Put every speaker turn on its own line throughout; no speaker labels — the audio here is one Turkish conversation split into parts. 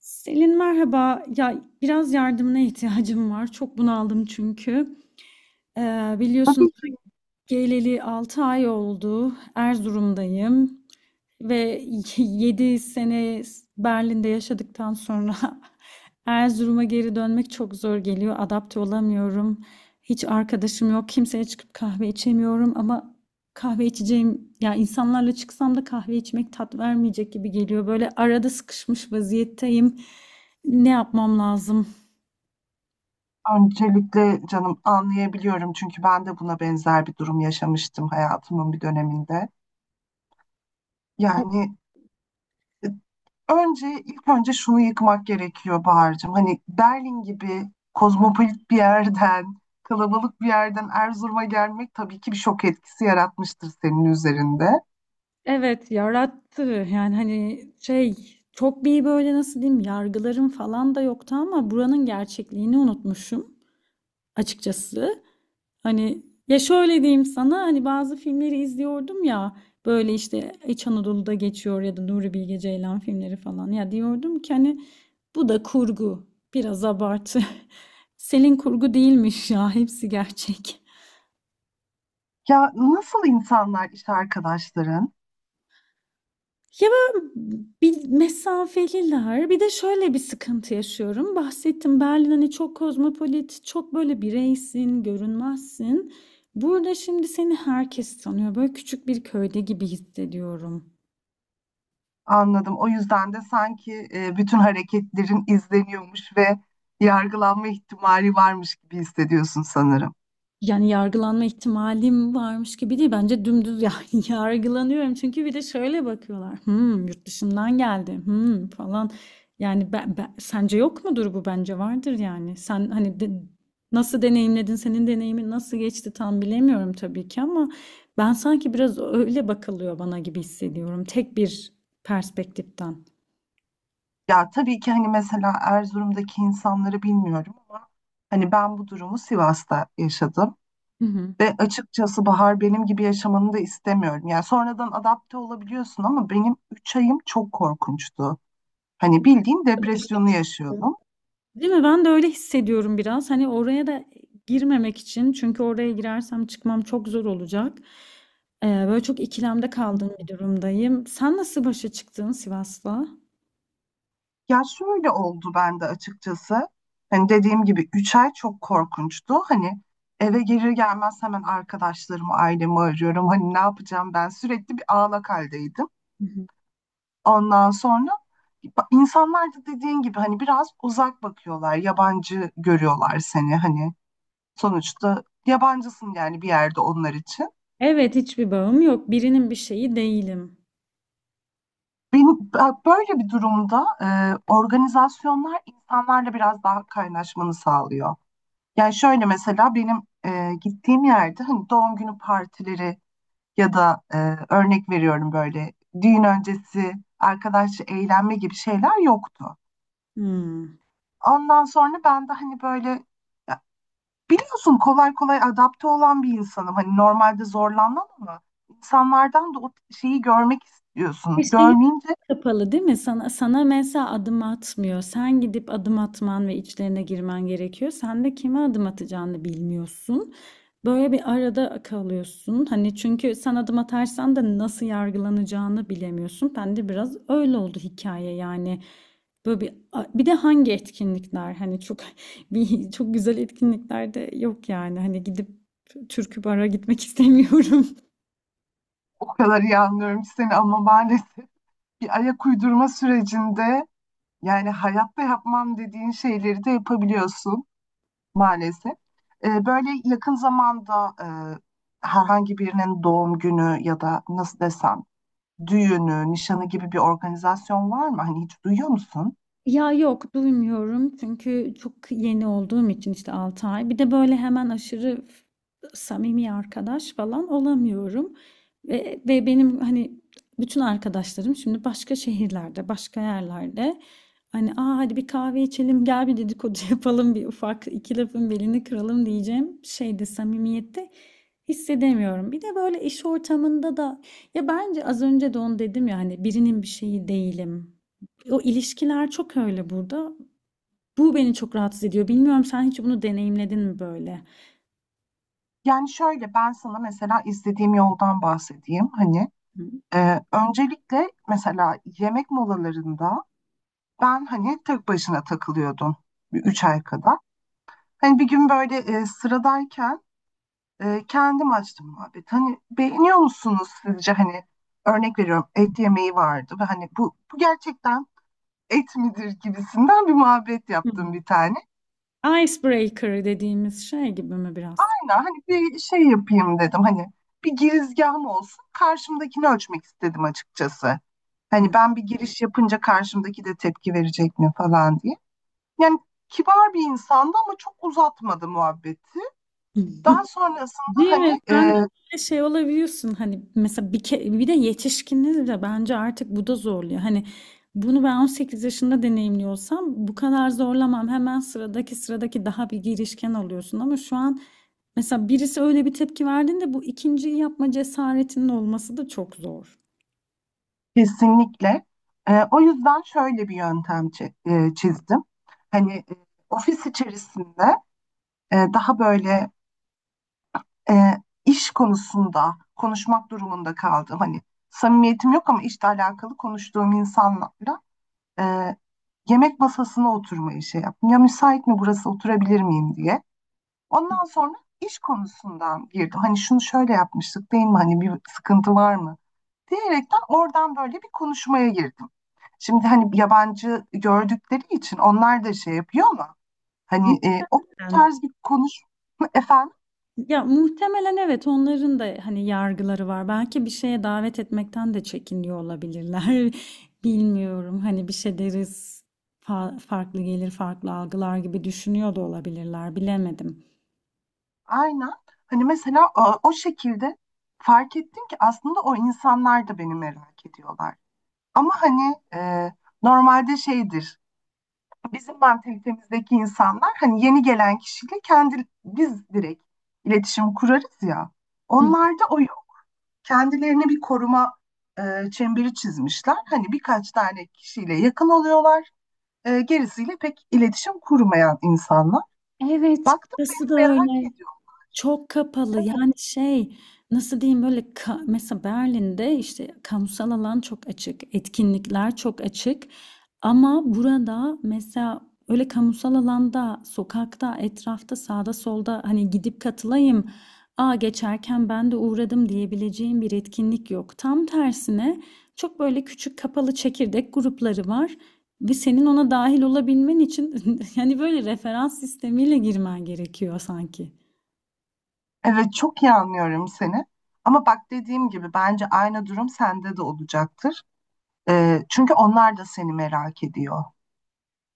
Selin merhaba. Ya biraz yardımına ihtiyacım var. Çok bunaldım çünkü. Biliyorsun
Tabii ki
geleli 6 ay oldu. Erzurum'dayım. Ve 7 sene Berlin'de yaşadıktan sonra Erzurum'a geri dönmek çok zor geliyor. Adapte olamıyorum. Hiç arkadaşım yok. Kimseye çıkıp kahve içemiyorum ama kahve içeceğim ya insanlarla çıksam da kahve içmek tat vermeyecek gibi geliyor. Böyle arada sıkışmış vaziyetteyim. Ne yapmam lazım?
öncelikle canım anlayabiliyorum çünkü ben de buna benzer bir durum yaşamıştım hayatımın bir döneminde. Yani e, ilk önce şunu yıkmak gerekiyor Bahar'cığım. Hani Berlin gibi kozmopolit bir yerden, kalabalık bir yerden Erzurum'a gelmek tabii ki bir şok etkisi yaratmıştır senin üzerinde.
Evet yarattı, yani hani şey, çok bir böyle nasıl diyeyim, yargılarım falan da yoktu ama buranın gerçekliğini unutmuşum açıkçası. Hani ya şöyle diyeyim sana, hani bazı filmleri izliyordum ya, böyle işte İç Anadolu'da geçiyor ya da Nuri Bilge Ceylan filmleri falan, ya diyordum ki hani bu da kurgu, biraz abartı. Selin, kurgu değilmiş ya, hepsi gerçek.
Ya nasıl insanlar iş arkadaşların?
Ya, böyle bir mesafeliler. Bir de şöyle bir sıkıntı yaşıyorum. Bahsettim, Berlin, hani, çok kozmopolit, çok böyle bireysin, görünmezsin. Burada şimdi seni herkes tanıyor. Böyle küçük bir köyde gibi hissediyorum.
Anladım. O yüzden de sanki bütün hareketlerin izleniyormuş ve yargılanma ihtimali varmış gibi hissediyorsun sanırım.
Yani yargılanma ihtimalim varmış gibi değil. Bence dümdüz yani yargılanıyorum. Çünkü bir de şöyle bakıyorlar. Hmm, yurt dışından geldi. Hmm, falan. Yani sence yok mudur bu? Bence vardır yani. Sen hani nasıl deneyimledin? Senin deneyimin nasıl geçti tam bilemiyorum tabii ki ama ben sanki biraz öyle bakılıyor bana gibi hissediyorum. Tek bir perspektiften.
Ya tabii ki hani mesela Erzurum'daki insanları bilmiyorum ama hani ben bu durumu Sivas'ta yaşadım
Hı hı.
ve açıkçası Bahar benim gibi yaşamanı da istemiyorum. Yani sonradan adapte olabiliyorsun ama benim 3 ayım çok korkunçtu. Hani bildiğin depresyonu yaşıyordum.
Değil mi? Ben de öyle hissediyorum biraz. Hani oraya da girmemek için, çünkü oraya girersem çıkmam çok zor olacak. Böyle çok ikilemde kaldığım bir durumdayım. Sen nasıl başa çıktın Sivas'la?
Ya şöyle oldu bende açıkçası. Hani dediğim gibi 3 ay çok korkunçtu. Hani eve gelir gelmez hemen arkadaşlarımı, ailemi arıyorum. Hani ne yapacağım ben sürekli bir ağlak haldeydim.
Hı hı.
Ondan sonra insanlar da dediğin gibi hani biraz uzak bakıyorlar. Yabancı görüyorlar seni hani. Sonuçta yabancısın yani bir yerde onlar için.
Evet, hiçbir bağım yok. Birinin bir şeyi değilim.
Böyle bir durumda organizasyonlar insanlarla biraz daha kaynaşmanı sağlıyor. Yani şöyle mesela benim gittiğim yerde hani doğum günü partileri ya da örnek veriyorum böyle düğün öncesi arkadaşça eğlenme gibi şeyler yoktu.
Hmm.
Ondan sonra ben de hani böyle ya biliyorsun kolay kolay adapte olan bir insanım. Hani normalde zorlanmam ama insanlardan da o şeyi görmek
Bir
istiyorsun.
şey
Görmeyince
kapalı değil mi? Sana, sana mesela adım atmıyor. Sen gidip adım atman ve içlerine girmen gerekiyor. Sen de kime adım atacağını bilmiyorsun. Böyle bir arada kalıyorsun. Hani çünkü sen adım atarsan da nasıl yargılanacağını bilemiyorsun. Ben de biraz öyle oldu hikaye yani. Böyle bir de hangi etkinlikler, hani çok bir çok güzel etkinlikler de yok yani. Hani gidip türkü bara gitmek istemiyorum.
o kadar iyi anlıyorum seni ama maalesef bir ayak uydurma sürecinde yani hayatta yapmam dediğin şeyleri de yapabiliyorsun. Maalesef. Böyle yakın zamanda herhangi birinin doğum günü ya da nasıl desem düğünü, nişanı gibi bir organizasyon var mı? Hani hiç duyuyor musun?
Ya yok, duymuyorum çünkü çok yeni olduğum için, işte 6 ay. Bir de böyle hemen aşırı samimi arkadaş falan olamıyorum. Ve benim hani bütün arkadaşlarım şimdi başka şehirlerde, başka yerlerde. Hani, aa, hadi bir kahve içelim, gel bir dedikodu yapalım, bir ufak iki lafın belini kıralım diyeceğim şeyde, samimiyette hissedemiyorum. Bir de böyle iş ortamında da, ya bence az önce de onu dedim ya, hani birinin bir şeyi değilim. O ilişkiler çok öyle burada. Bu beni çok rahatsız ediyor. Bilmiyorum, sen hiç bunu deneyimledin mi böyle?
Yani şöyle ben sana mesela izlediğim yoldan bahsedeyim. Hani
Hı.
öncelikle mesela yemek molalarında ben hani tek başına takılıyordum bir 3 ay kadar. Hani bir gün böyle sıradayken kendim açtım muhabbet. Hani beğeniyor musunuz sizce hani örnek veriyorum et yemeği vardı ve hani bu gerçekten et midir gibisinden bir muhabbet yaptım
Hı.
bir tane.
Icebreaker dediğimiz şey gibi mi biraz?
Aynen hani bir şey yapayım dedim hani bir girizgahım olsun karşımdakini ölçmek istedim açıkçası. Hani
Hı.
ben bir giriş yapınca karşımdaki de tepki verecek mi falan diye. Yani kibar bir insandı ama çok uzatmadı muhabbeti. Daha sonrasında
Değil
hani
mi? Sen de böyle şey olabiliyorsun, hani mesela bir de yetişkiniz de bence artık bu da zorluyor. Hani bunu ben 18 yaşında deneyimliyorsam bu kadar zorlamam. Hemen sıradaki daha bir girişken oluyorsun ama şu an mesela birisi öyle bir tepki verdiğinde bu ikinciyi yapma cesaretinin olması da çok zor.
kesinlikle. O yüzden şöyle bir yöntem çizdim. Hani ofis içerisinde daha böyle e, iş konusunda konuşmak durumunda kaldım. Hani samimiyetim yok ama işle alakalı konuştuğum insanlarla e, yemek masasına oturmayı şey yaptım. Ya müsait mi burası oturabilir miyim diye. Ondan sonra iş konusundan girdim. Hani şunu şöyle yapmıştık değil mi? Hani bir sıkıntı var mı? Diyerekten oradan böyle bir konuşmaya girdim. Şimdi hani yabancı gördükleri için onlar da şey yapıyor ama hani o
Muhtemelen.
tarz bir konuşma efendim
Ya muhtemelen, evet, onların da hani yargıları var. Belki bir şeye davet etmekten de çekiniyor olabilirler. Bilmiyorum. Hani bir şey deriz, farklı gelir, farklı algılar gibi düşünüyor da olabilirler. Bilemedim.
aynen hani mesela o şekilde fark ettim ki aslında o insanlar da beni merak ediyorlar. Ama hani normalde şeydir bizim mantalitemizdeki insanlar hani yeni gelen kişiyle kendi biz direkt iletişim kurarız ya.
Hı.
Onlarda o kendilerine bir koruma çemberi çizmişler. Hani birkaç tane kişiyle yakın oluyorlar. Gerisiyle pek iletişim kurmayan insanlar.
Evet,
Baktım
burası da
benim merak
öyle.
ediyorum.
Çok kapalı yani şey, nasıl diyeyim, böyle mesela Berlin'de işte kamusal alan çok açık, etkinlikler çok açık, ama burada mesela öyle kamusal alanda, sokakta, etrafta, sağda solda hani gidip katılayım, aa geçerken ben de uğradım diyebileceğim bir etkinlik yok. Tam tersine çok böyle küçük kapalı çekirdek grupları var ve senin ona dahil olabilmen için yani böyle referans sistemiyle girmen gerekiyor sanki.
Evet, çok iyi anlıyorum seni. Ama bak dediğim gibi bence aynı durum sende de olacaktır. Çünkü onlar da seni merak ediyor.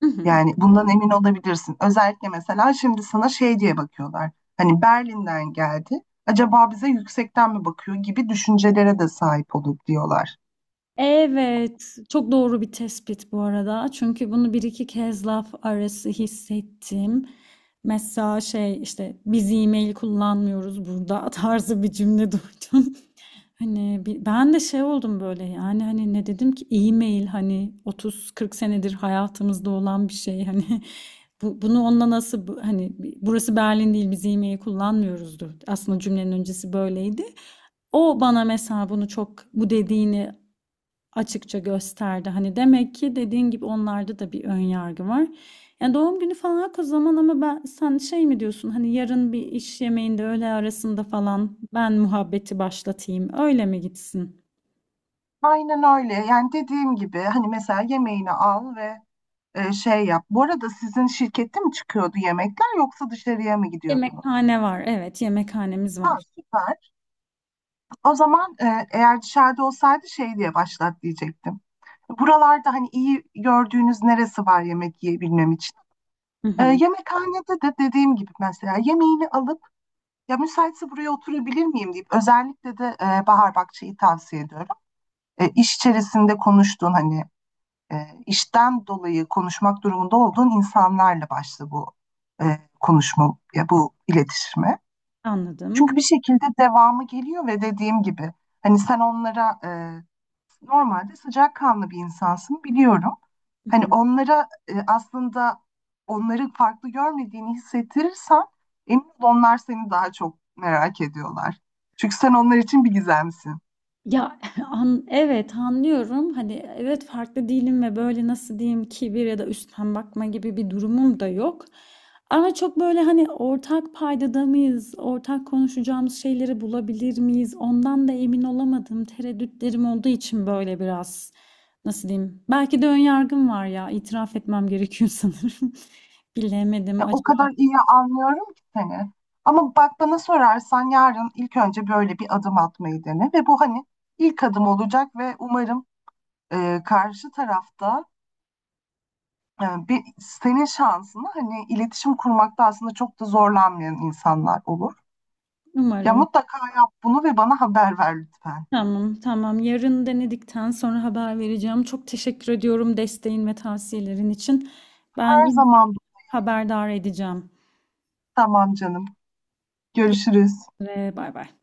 Hı hı.
Yani bundan emin olabilirsin. Özellikle mesela şimdi sana şey diye bakıyorlar. Hani Berlin'den geldi. Acaba bize yüksekten mi bakıyor gibi düşüncelere de sahip olur diyorlar.
Evet, çok doğru bir tespit bu arada. Çünkü bunu bir iki kez laf arası hissettim. Mesela şey işte, biz e-mail kullanmıyoruz burada tarzı bir cümle duydum. Hani ben de şey oldum böyle, yani hani ne dedim ki, e-mail hani 30-40 senedir hayatımızda olan bir şey hani. Bunu onunla nasıl hani burası Berlin değil, biz e-mail kullanmıyoruzdur. Aslında cümlenin öncesi böyleydi. O bana mesela bunu, çok bu dediğini açıkça gösterdi. Hani demek ki dediğin gibi onlarda da bir ön yargı var. Yani doğum günü falan o zaman, ama ben, sen şey mi diyorsun, hani yarın bir iş yemeğinde öğle arasında falan ben muhabbeti başlatayım öyle mi gitsin?
Aynen öyle. Yani dediğim gibi hani mesela yemeğini al ve şey yap. Bu arada sizin şirkette mi çıkıyordu yemekler yoksa dışarıya mı gidiyordunuz?
Yemekhane var, evet, yemekhanemiz
Ha,
var.
süper. O zaman eğer dışarıda olsaydı şey diye başlat diyecektim. Buralarda hani iyi gördüğünüz neresi var yemek yiyebilmem için?
Hı hı,
Yemekhanede de dediğim gibi mesela yemeğini alıp ya müsaitse buraya oturabilir miyim deyip özellikle de Bahar Bakçı'yı tavsiye ediyorum. İş içerisinde konuştuğun hani işten dolayı konuşmak durumunda olduğun insanlarla başla bu e, konuşma, ya bu iletişime. Çünkü
anladım.
bir şekilde devamı geliyor ve dediğim gibi hani sen onlara normalde sıcakkanlı bir insansın biliyorum.
Hı
Hani
hı.
onlara aslında onları farklı görmediğini hissettirirsen emin ol onlar seni daha çok merak ediyorlar. Çünkü sen onlar için bir gizemsin.
Ya evet, anlıyorum. Hani evet, farklı değilim ve böyle nasıl diyeyim, kibir ya da üstten bakma gibi bir durumum da yok. Ama çok böyle hani, ortak paydada mıyız, ortak konuşacağımız şeyleri bulabilir miyiz? Ondan da emin olamadım. Tereddütlerim olduğu için böyle biraz, nasıl diyeyim? Belki de ön yargım var ya. İtiraf etmem gerekiyor sanırım. Bilemedim.
Ya, o
Acaba
kadar iyi anlıyorum ki seni. Ama bak bana sorarsan yarın ilk önce böyle bir adım atmayı dene ve bu hani ilk adım olacak ve umarım karşı tarafta senin şansını hani iletişim kurmakta aslında çok da zorlanmayan insanlar olur. Ya
umarım.
mutlaka yap bunu ve bana haber ver lütfen.
Tamam, tamam. Yarın denedikten sonra haber vereceğim. Çok teşekkür ediyorum desteğin ve tavsiyelerin için. Ben
Her
yine
zaman.
haberdar edeceğim.
Tamam canım.
Görüşmek
Görüşürüz.
üzere, bay bay.